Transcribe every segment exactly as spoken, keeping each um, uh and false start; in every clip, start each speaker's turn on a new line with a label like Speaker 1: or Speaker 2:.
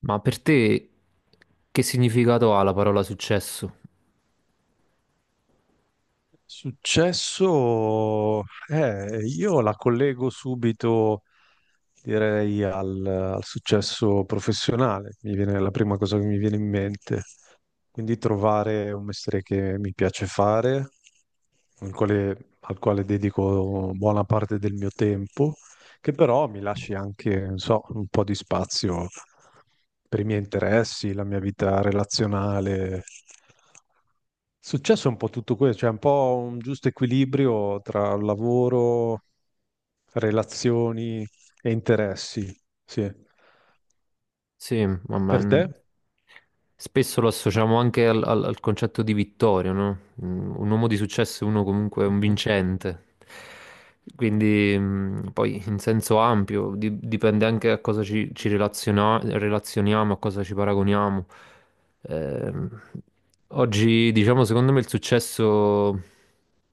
Speaker 1: Ma per te che significato ha la parola successo?
Speaker 2: Successo, eh, io la collego subito, direi, al, al successo professionale. Mi viene la prima cosa che mi viene in mente. Quindi trovare un mestiere che mi piace fare, al quale, al quale dedico buona parte del mio tempo, che però mi lasci anche, non so, un po' di spazio per i miei interessi, la mia vita relazionale. Successo è un po' tutto questo, cioè un po' un giusto equilibrio tra lavoro, relazioni e interessi. Sì.
Speaker 1: Sì,
Speaker 2: Per
Speaker 1: vabbè,
Speaker 2: te?
Speaker 1: n- spesso lo associamo anche al, al- al concetto di vittoria, no? Mm, Un uomo di successo è uno comunque un
Speaker 2: Mhm.
Speaker 1: vincente. Quindi, mm, poi in senso ampio, di- dipende anche a cosa ci, ci relaziona- relazioniamo, a cosa ci paragoniamo. Ehm, Oggi, diciamo, secondo me il successo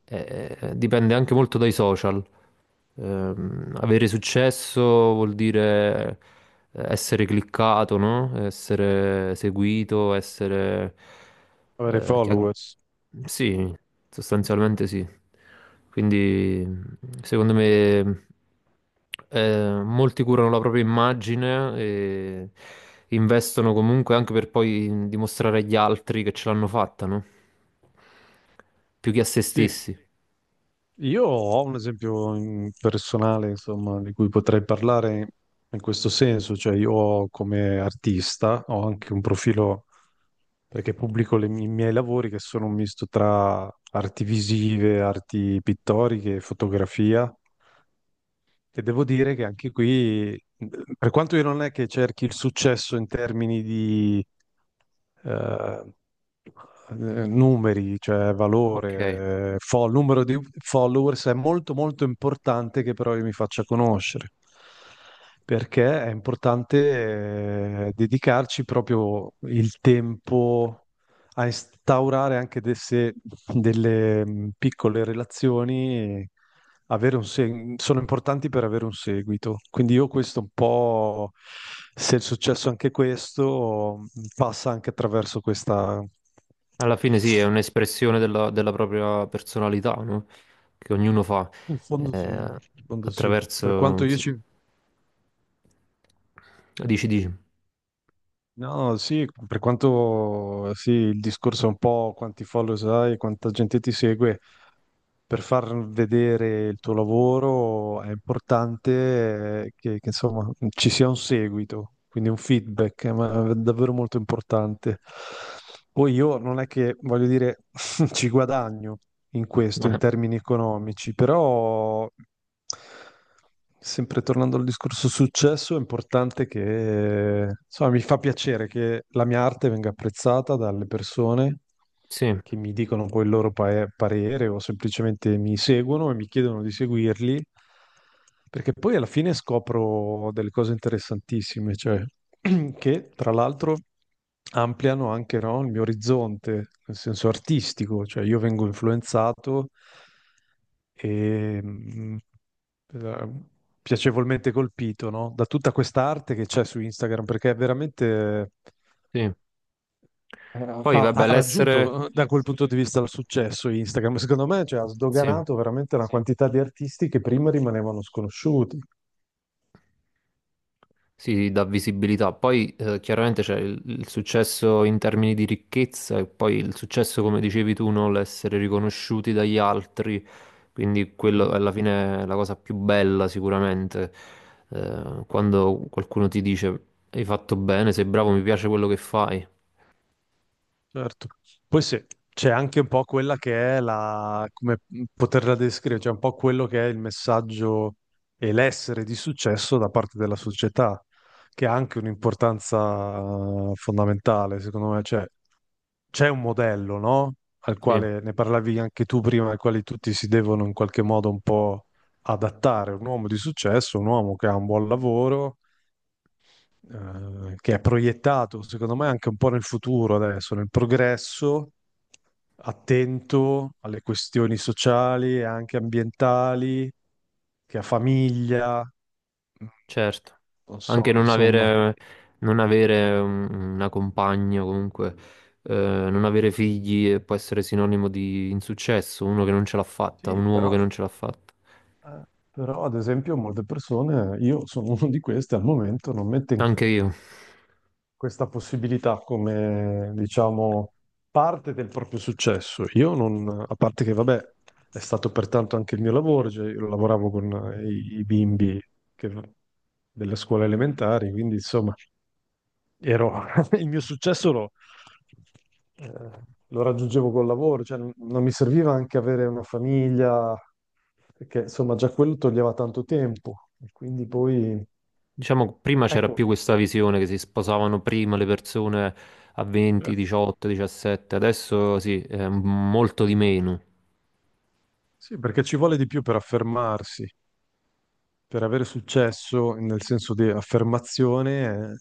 Speaker 1: eh, eh, dipende anche molto dai social. Ehm, avere successo vuol dire eh, essere cliccato, no? Essere seguito, essere...
Speaker 2: Avere
Speaker 1: eh, chia-
Speaker 2: followers.
Speaker 1: Sì, sostanzialmente sì. Quindi secondo me eh, molti curano la propria immagine e investono comunque anche per poi dimostrare agli altri che ce l'hanno fatta, no? Più che a se
Speaker 2: Sì.
Speaker 1: stessi.
Speaker 2: Io ho un esempio in- personale, insomma, di cui potrei parlare in questo senso, cioè io ho come artista ho anche un profilo perché pubblico le mi- i miei lavori che sono un misto tra arti visive, arti pittoriche, e fotografia. E devo dire che anche qui, eh, per quanto io non è che cerchi il successo in termini di eh, eh, numeri, cioè
Speaker 1: Ok.
Speaker 2: valore, eh, fo- numero di followers, è molto molto importante che però io mi faccia conoscere, perché è importante eh, dedicarci proprio il tempo a instaurare anche desse- delle mh, piccole relazioni, e avere un seg- sono importanti per avere un seguito. Quindi io questo un po', se è successo anche questo, mh, passa anche attraverso questa...
Speaker 1: Alla fine sì, è un'espressione della, della propria personalità, no? Che ognuno fa
Speaker 2: In fondo sì,
Speaker 1: eh,
Speaker 2: in fondo sì. Per
Speaker 1: attraverso...
Speaker 2: quanto io
Speaker 1: sì.
Speaker 2: ci...
Speaker 1: Dici, dici.
Speaker 2: No, sì, per quanto sì, il discorso è un po' quanti follow hai, quanta gente ti segue, per far vedere il tuo lavoro è importante eh, che, che, insomma mm, ci sia un seguito, quindi un feedback, eh, ma è davvero molto importante. Poi io non è che voglio dire ci guadagno, in questo, in
Speaker 1: Eh,
Speaker 2: termini economici, però sempre tornando al discorso successo, è importante che, insomma, mi fa piacere che la mia arte venga apprezzata dalle persone
Speaker 1: sì,
Speaker 2: che mi dicono poi il loro pa- parere o semplicemente mi seguono e mi chiedono di seguirli, perché poi alla fine scopro delle cose interessantissime, cioè. Che tra l'altro ampliano anche, no, il mio orizzonte, nel senso artistico, cioè io vengo influenzato e mh, eh, piacevolmente colpito, no, da tutta questa arte che c'è su Instagram, perché è veramente...
Speaker 1: sì.
Speaker 2: eh,
Speaker 1: Poi
Speaker 2: Ha, ha
Speaker 1: vabbè, l'essere...
Speaker 2: raggiunto eh, da quel punto di vista il successo Instagram, secondo me, cioè, ha
Speaker 1: Sì.
Speaker 2: sdoganato veramente una quantità di artisti che prima rimanevano sconosciuti.
Speaker 1: Sì, sì, dà visibilità. Poi eh, chiaramente c'è il, il successo in termini di ricchezza e poi il successo, come dicevi tu, no? L'essere riconosciuti dagli altri. Quindi quello alla fine è la cosa più bella sicuramente. Eh, quando qualcuno ti dice hai fatto bene, sei bravo, mi piace quello che fai.
Speaker 2: Certo. Poi sì, c'è anche un po' quella che è la, come poterla descrivere, cioè un po' quello che è il messaggio e l'essere di successo da parte della società, che ha anche un'importanza eh, fondamentale, secondo me. Cioè, c'è un modello, no? Al
Speaker 1: Sì.
Speaker 2: quale ne parlavi anche tu prima, al quale tutti si devono in qualche modo un po' adattare. Un uomo di successo, un uomo che ha un buon lavoro eh, che è proiettato, secondo me, anche un po' nel futuro adesso, nel progresso, attento alle questioni sociali e anche ambientali, che a famiglia,
Speaker 1: Certo,
Speaker 2: non
Speaker 1: anche
Speaker 2: so,
Speaker 1: non
Speaker 2: insomma.
Speaker 1: avere, non avere un- una compagna, comunque, eh, non avere figli eh, può essere sinonimo di insuccesso, uno che non ce l'ha fatta,
Speaker 2: Sì,
Speaker 1: un uomo
Speaker 2: però,
Speaker 1: che non ce l'ha fatta.
Speaker 2: eh, però, ad esempio molte persone, io sono uno di queste, al momento non mette in
Speaker 1: Anche io.
Speaker 2: questa possibilità come, diciamo, parte del proprio successo. Io non, a parte che, vabbè, è stato pertanto anche il mio lavoro, cioè io lavoravo con eh, i, i bimbi che- delle scuole elementari, quindi insomma, ero, il mio successo lo, eh, lo raggiungevo col lavoro, cioè non non mi serviva anche avere una famiglia, perché insomma già quello toglieva tanto tempo, e quindi poi,
Speaker 1: Diciamo, prima c'era
Speaker 2: ecco.
Speaker 1: più questa visione che si sposavano prima le persone a venti,
Speaker 2: Certo.
Speaker 1: diciotto, diciassette, adesso sì, è molto di meno.
Speaker 2: Sì, perché ci vuole di più per affermarsi, per avere successo nel senso di affermazione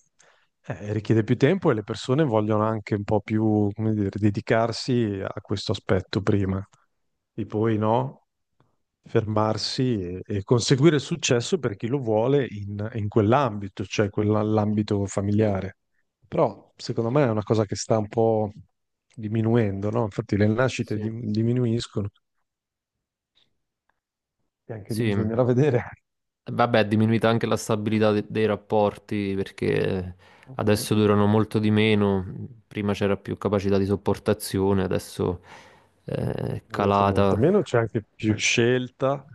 Speaker 2: eh, eh, richiede più tempo e le persone vogliono anche un po' più, come dire, dedicarsi a questo aspetto prima e poi no, fermarsi e, e conseguire il successo per chi lo vuole in, in quell'ambito, cioè quell'ambito familiare. Però secondo me è una cosa che sta un po' diminuendo, no? Infatti le nascite
Speaker 1: Sì.
Speaker 2: dim- diminuiscono e anche lì
Speaker 1: Sì,
Speaker 2: bisognerà vedere.
Speaker 1: vabbè, è diminuita anche la stabilità de- dei rapporti perché adesso durano molto di meno, prima c'era più capacità di sopportazione, adesso eh, è
Speaker 2: Molta, molta
Speaker 1: calata,
Speaker 2: meno, c'è anche più scelta.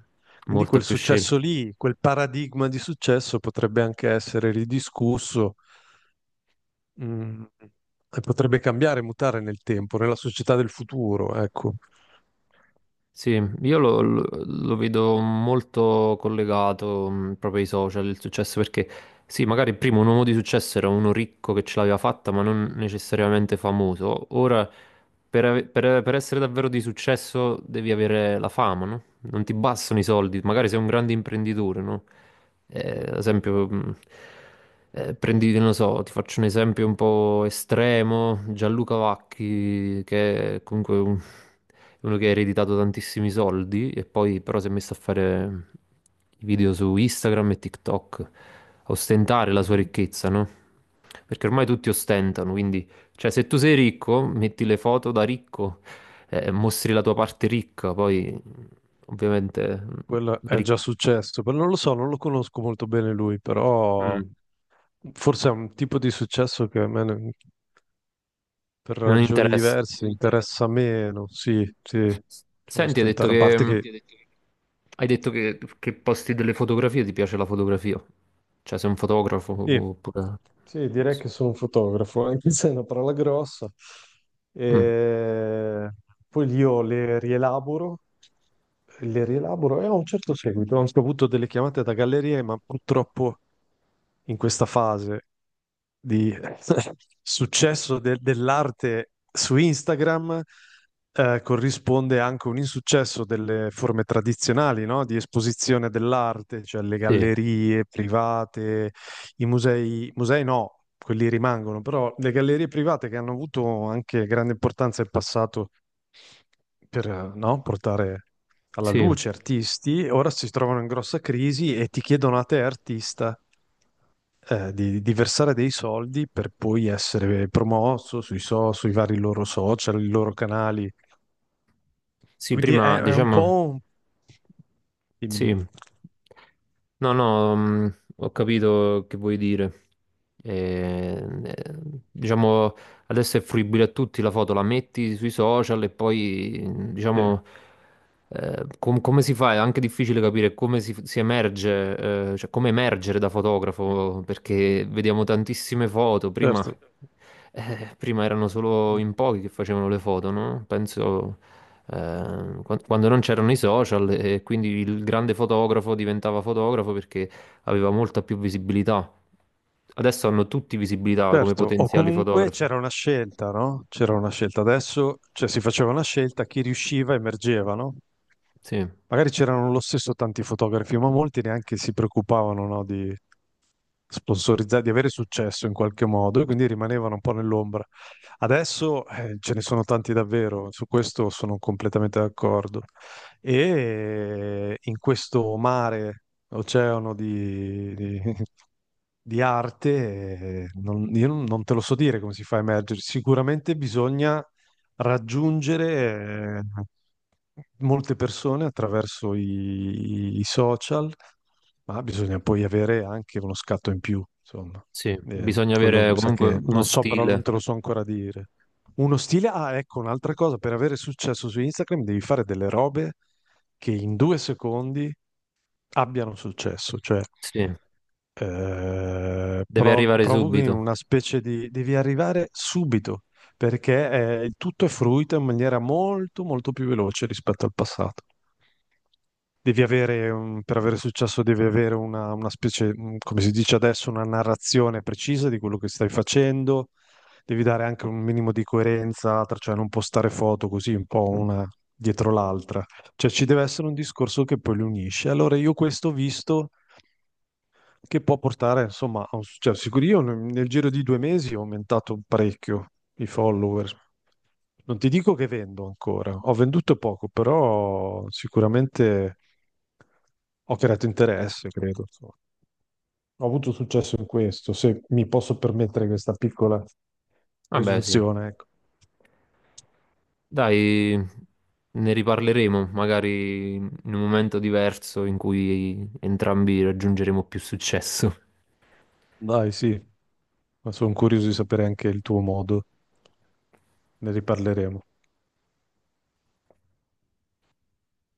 Speaker 2: Quindi
Speaker 1: molta
Speaker 2: quel
Speaker 1: più
Speaker 2: successo
Speaker 1: scelta.
Speaker 2: lì, quel paradigma di successo potrebbe anche essere ridiscusso, mm, e potrebbe cambiare, mutare nel tempo, nella società del futuro, ecco.
Speaker 1: Sì, io lo, lo- lo vedo molto collegato mh, proprio ai social, il successo, perché sì, magari prima un uomo di successo era uno ricco che ce l'aveva fatta, ma non necessariamente famoso. Ora, per, ave- per- per essere davvero di successo devi avere la fama, no? Non ti bastano i soldi, magari sei un grande imprenditore, no? Eh,
Speaker 2: Mm,
Speaker 1: ad esempio, mh, eh, prendi, non lo so, ti faccio un esempio un po' estremo, Gianluca Vacchi, che è comunque un- uno che ha ereditato tantissimi soldi e poi però si è messo a fare i video su Instagram e TikTok, a ostentare la sua
Speaker 2: mhm.
Speaker 1: ricchezza, no? Perché ormai tutti ostentano, quindi, cioè, se tu sei ricco, metti le foto da ricco, eh, mostri la tua parte ricca, poi ovviamente mm,
Speaker 2: Quello
Speaker 1: la
Speaker 2: è già
Speaker 1: ricchezza
Speaker 2: successo, però non lo so, non lo conosco molto bene lui, però forse è un tipo di successo che a me, ne- per
Speaker 1: non
Speaker 2: ragioni
Speaker 1: interessa.
Speaker 2: diverse, interessa meno. Sì, sì, cioè
Speaker 1: Senti, hai detto
Speaker 2: ostentare, a
Speaker 1: che,
Speaker 2: parte che...
Speaker 1: hai detto che, che posti delle fotografie, ti piace la fotografia? Cioè, sei un fotografo
Speaker 2: Sì,
Speaker 1: oppure...
Speaker 2: sì, direi che sono un fotografo, anche se è una parola grossa.
Speaker 1: Mm,
Speaker 2: E poi io le rielaboro, le rielaboro e ho un certo seguito. Ho anche avuto delle chiamate da gallerie, ma purtroppo in questa fase di successo de- dell'arte su Instagram eh, corrisponde anche un insuccesso delle forme tradizionali, no? Di esposizione dell'arte, cioè le
Speaker 1: sì,
Speaker 2: gallerie private, i musei, musei no, quelli rimangono, però le gallerie private che hanno avuto anche grande importanza in passato per, eh, no, portare alla
Speaker 1: sì.
Speaker 2: luce artisti, ora si trovano in grossa crisi e ti chiedono a te artista eh, di, di versare dei soldi per poi essere promosso sui, so- sui vari loro social, i loro canali.
Speaker 1: Sì,
Speaker 2: Quindi è,
Speaker 1: prima
Speaker 2: è un
Speaker 1: diciamo...
Speaker 2: po'... un-. Dimmi,
Speaker 1: Sì,
Speaker 2: dimmi.
Speaker 1: no, no, mh, ho capito che vuoi dire. Eh, eh, diciamo, adesso è fruibile a tutti la foto, la metti sui social e poi,
Speaker 2: Sì,
Speaker 1: diciamo, eh, com- come si fa? È anche difficile capire come si, si emerge, eh, cioè come emergere da fotografo, perché vediamo tantissime foto. Prima,
Speaker 2: certo.
Speaker 1: eh, prima erano solo in pochi che facevano le foto, no? Penso eh, quan- quando non c'erano i social e quindi il grande fotografo diventava fotografo perché aveva molta più visibilità. Adesso hanno tutti visibilità come
Speaker 2: Certo, o
Speaker 1: potenziali
Speaker 2: comunque
Speaker 1: fotografi.
Speaker 2: c'era una scelta, no? C'era una scelta. Adesso, cioè, si faceva una scelta, chi riusciva emergeva, no?
Speaker 1: Sì,
Speaker 2: Magari c'erano lo stesso tanti fotografi, ma molti neanche si preoccupavano, no, di sponsorizzare, di avere successo in qualche modo, e quindi rimanevano un po' nell'ombra. Adesso eh, ce ne sono tanti davvero, su questo sono completamente d'accordo. E in questo mare, oceano di, di- di arte, eh, non- io non te lo so dire come si fa a emergere. Sicuramente bisogna raggiungere eh, molte persone attraverso i i social, ma bisogna poi avere anche uno scatto in più, insomma.
Speaker 1: sì,
Speaker 2: Eh,
Speaker 1: bisogna
Speaker 2: quello
Speaker 1: avere
Speaker 2: mi sa
Speaker 1: comunque
Speaker 2: che
Speaker 1: uno
Speaker 2: non so, però non
Speaker 1: stile.
Speaker 2: te lo so ancora dire. Uno stile, ah, ecco, un'altra cosa, per avere successo su Instagram devi fare delle robe che in due secondi abbiano successo, cioè
Speaker 1: Sì,
Speaker 2: eh,
Speaker 1: deve
Speaker 2: pro-
Speaker 1: arrivare
Speaker 2: provochi
Speaker 1: subito.
Speaker 2: una specie di... devi arrivare subito, perché eh, tutto è fruito in maniera molto, molto più veloce rispetto al passato. Devi avere, un- per avere successo, devi avere una, una specie, mm, come si dice adesso, una narrazione precisa di quello che stai facendo. Devi dare anche un minimo di coerenza, tra- cioè non postare foto così un po' una dietro l'altra. Cioè ci deve essere un discorso che poi li unisce. Allora io questo ho visto che può portare, insomma, a un successo. Sicuro io nel nel giro di due mesi ho aumentato parecchio i follower. Non ti dico che vendo ancora, ho venduto poco, però sicuramente ho creato interesse, credo, insomma. Ho avuto successo in questo, se mi posso permettere questa piccola
Speaker 1: Vabbè, sì.
Speaker 2: presunzione, ecco.
Speaker 1: Dai, ne riparleremo magari in un momento diverso in cui entrambi raggiungeremo più successo.
Speaker 2: Dai, sì, ma sono curioso di sapere anche il tuo modo. Ne riparleremo.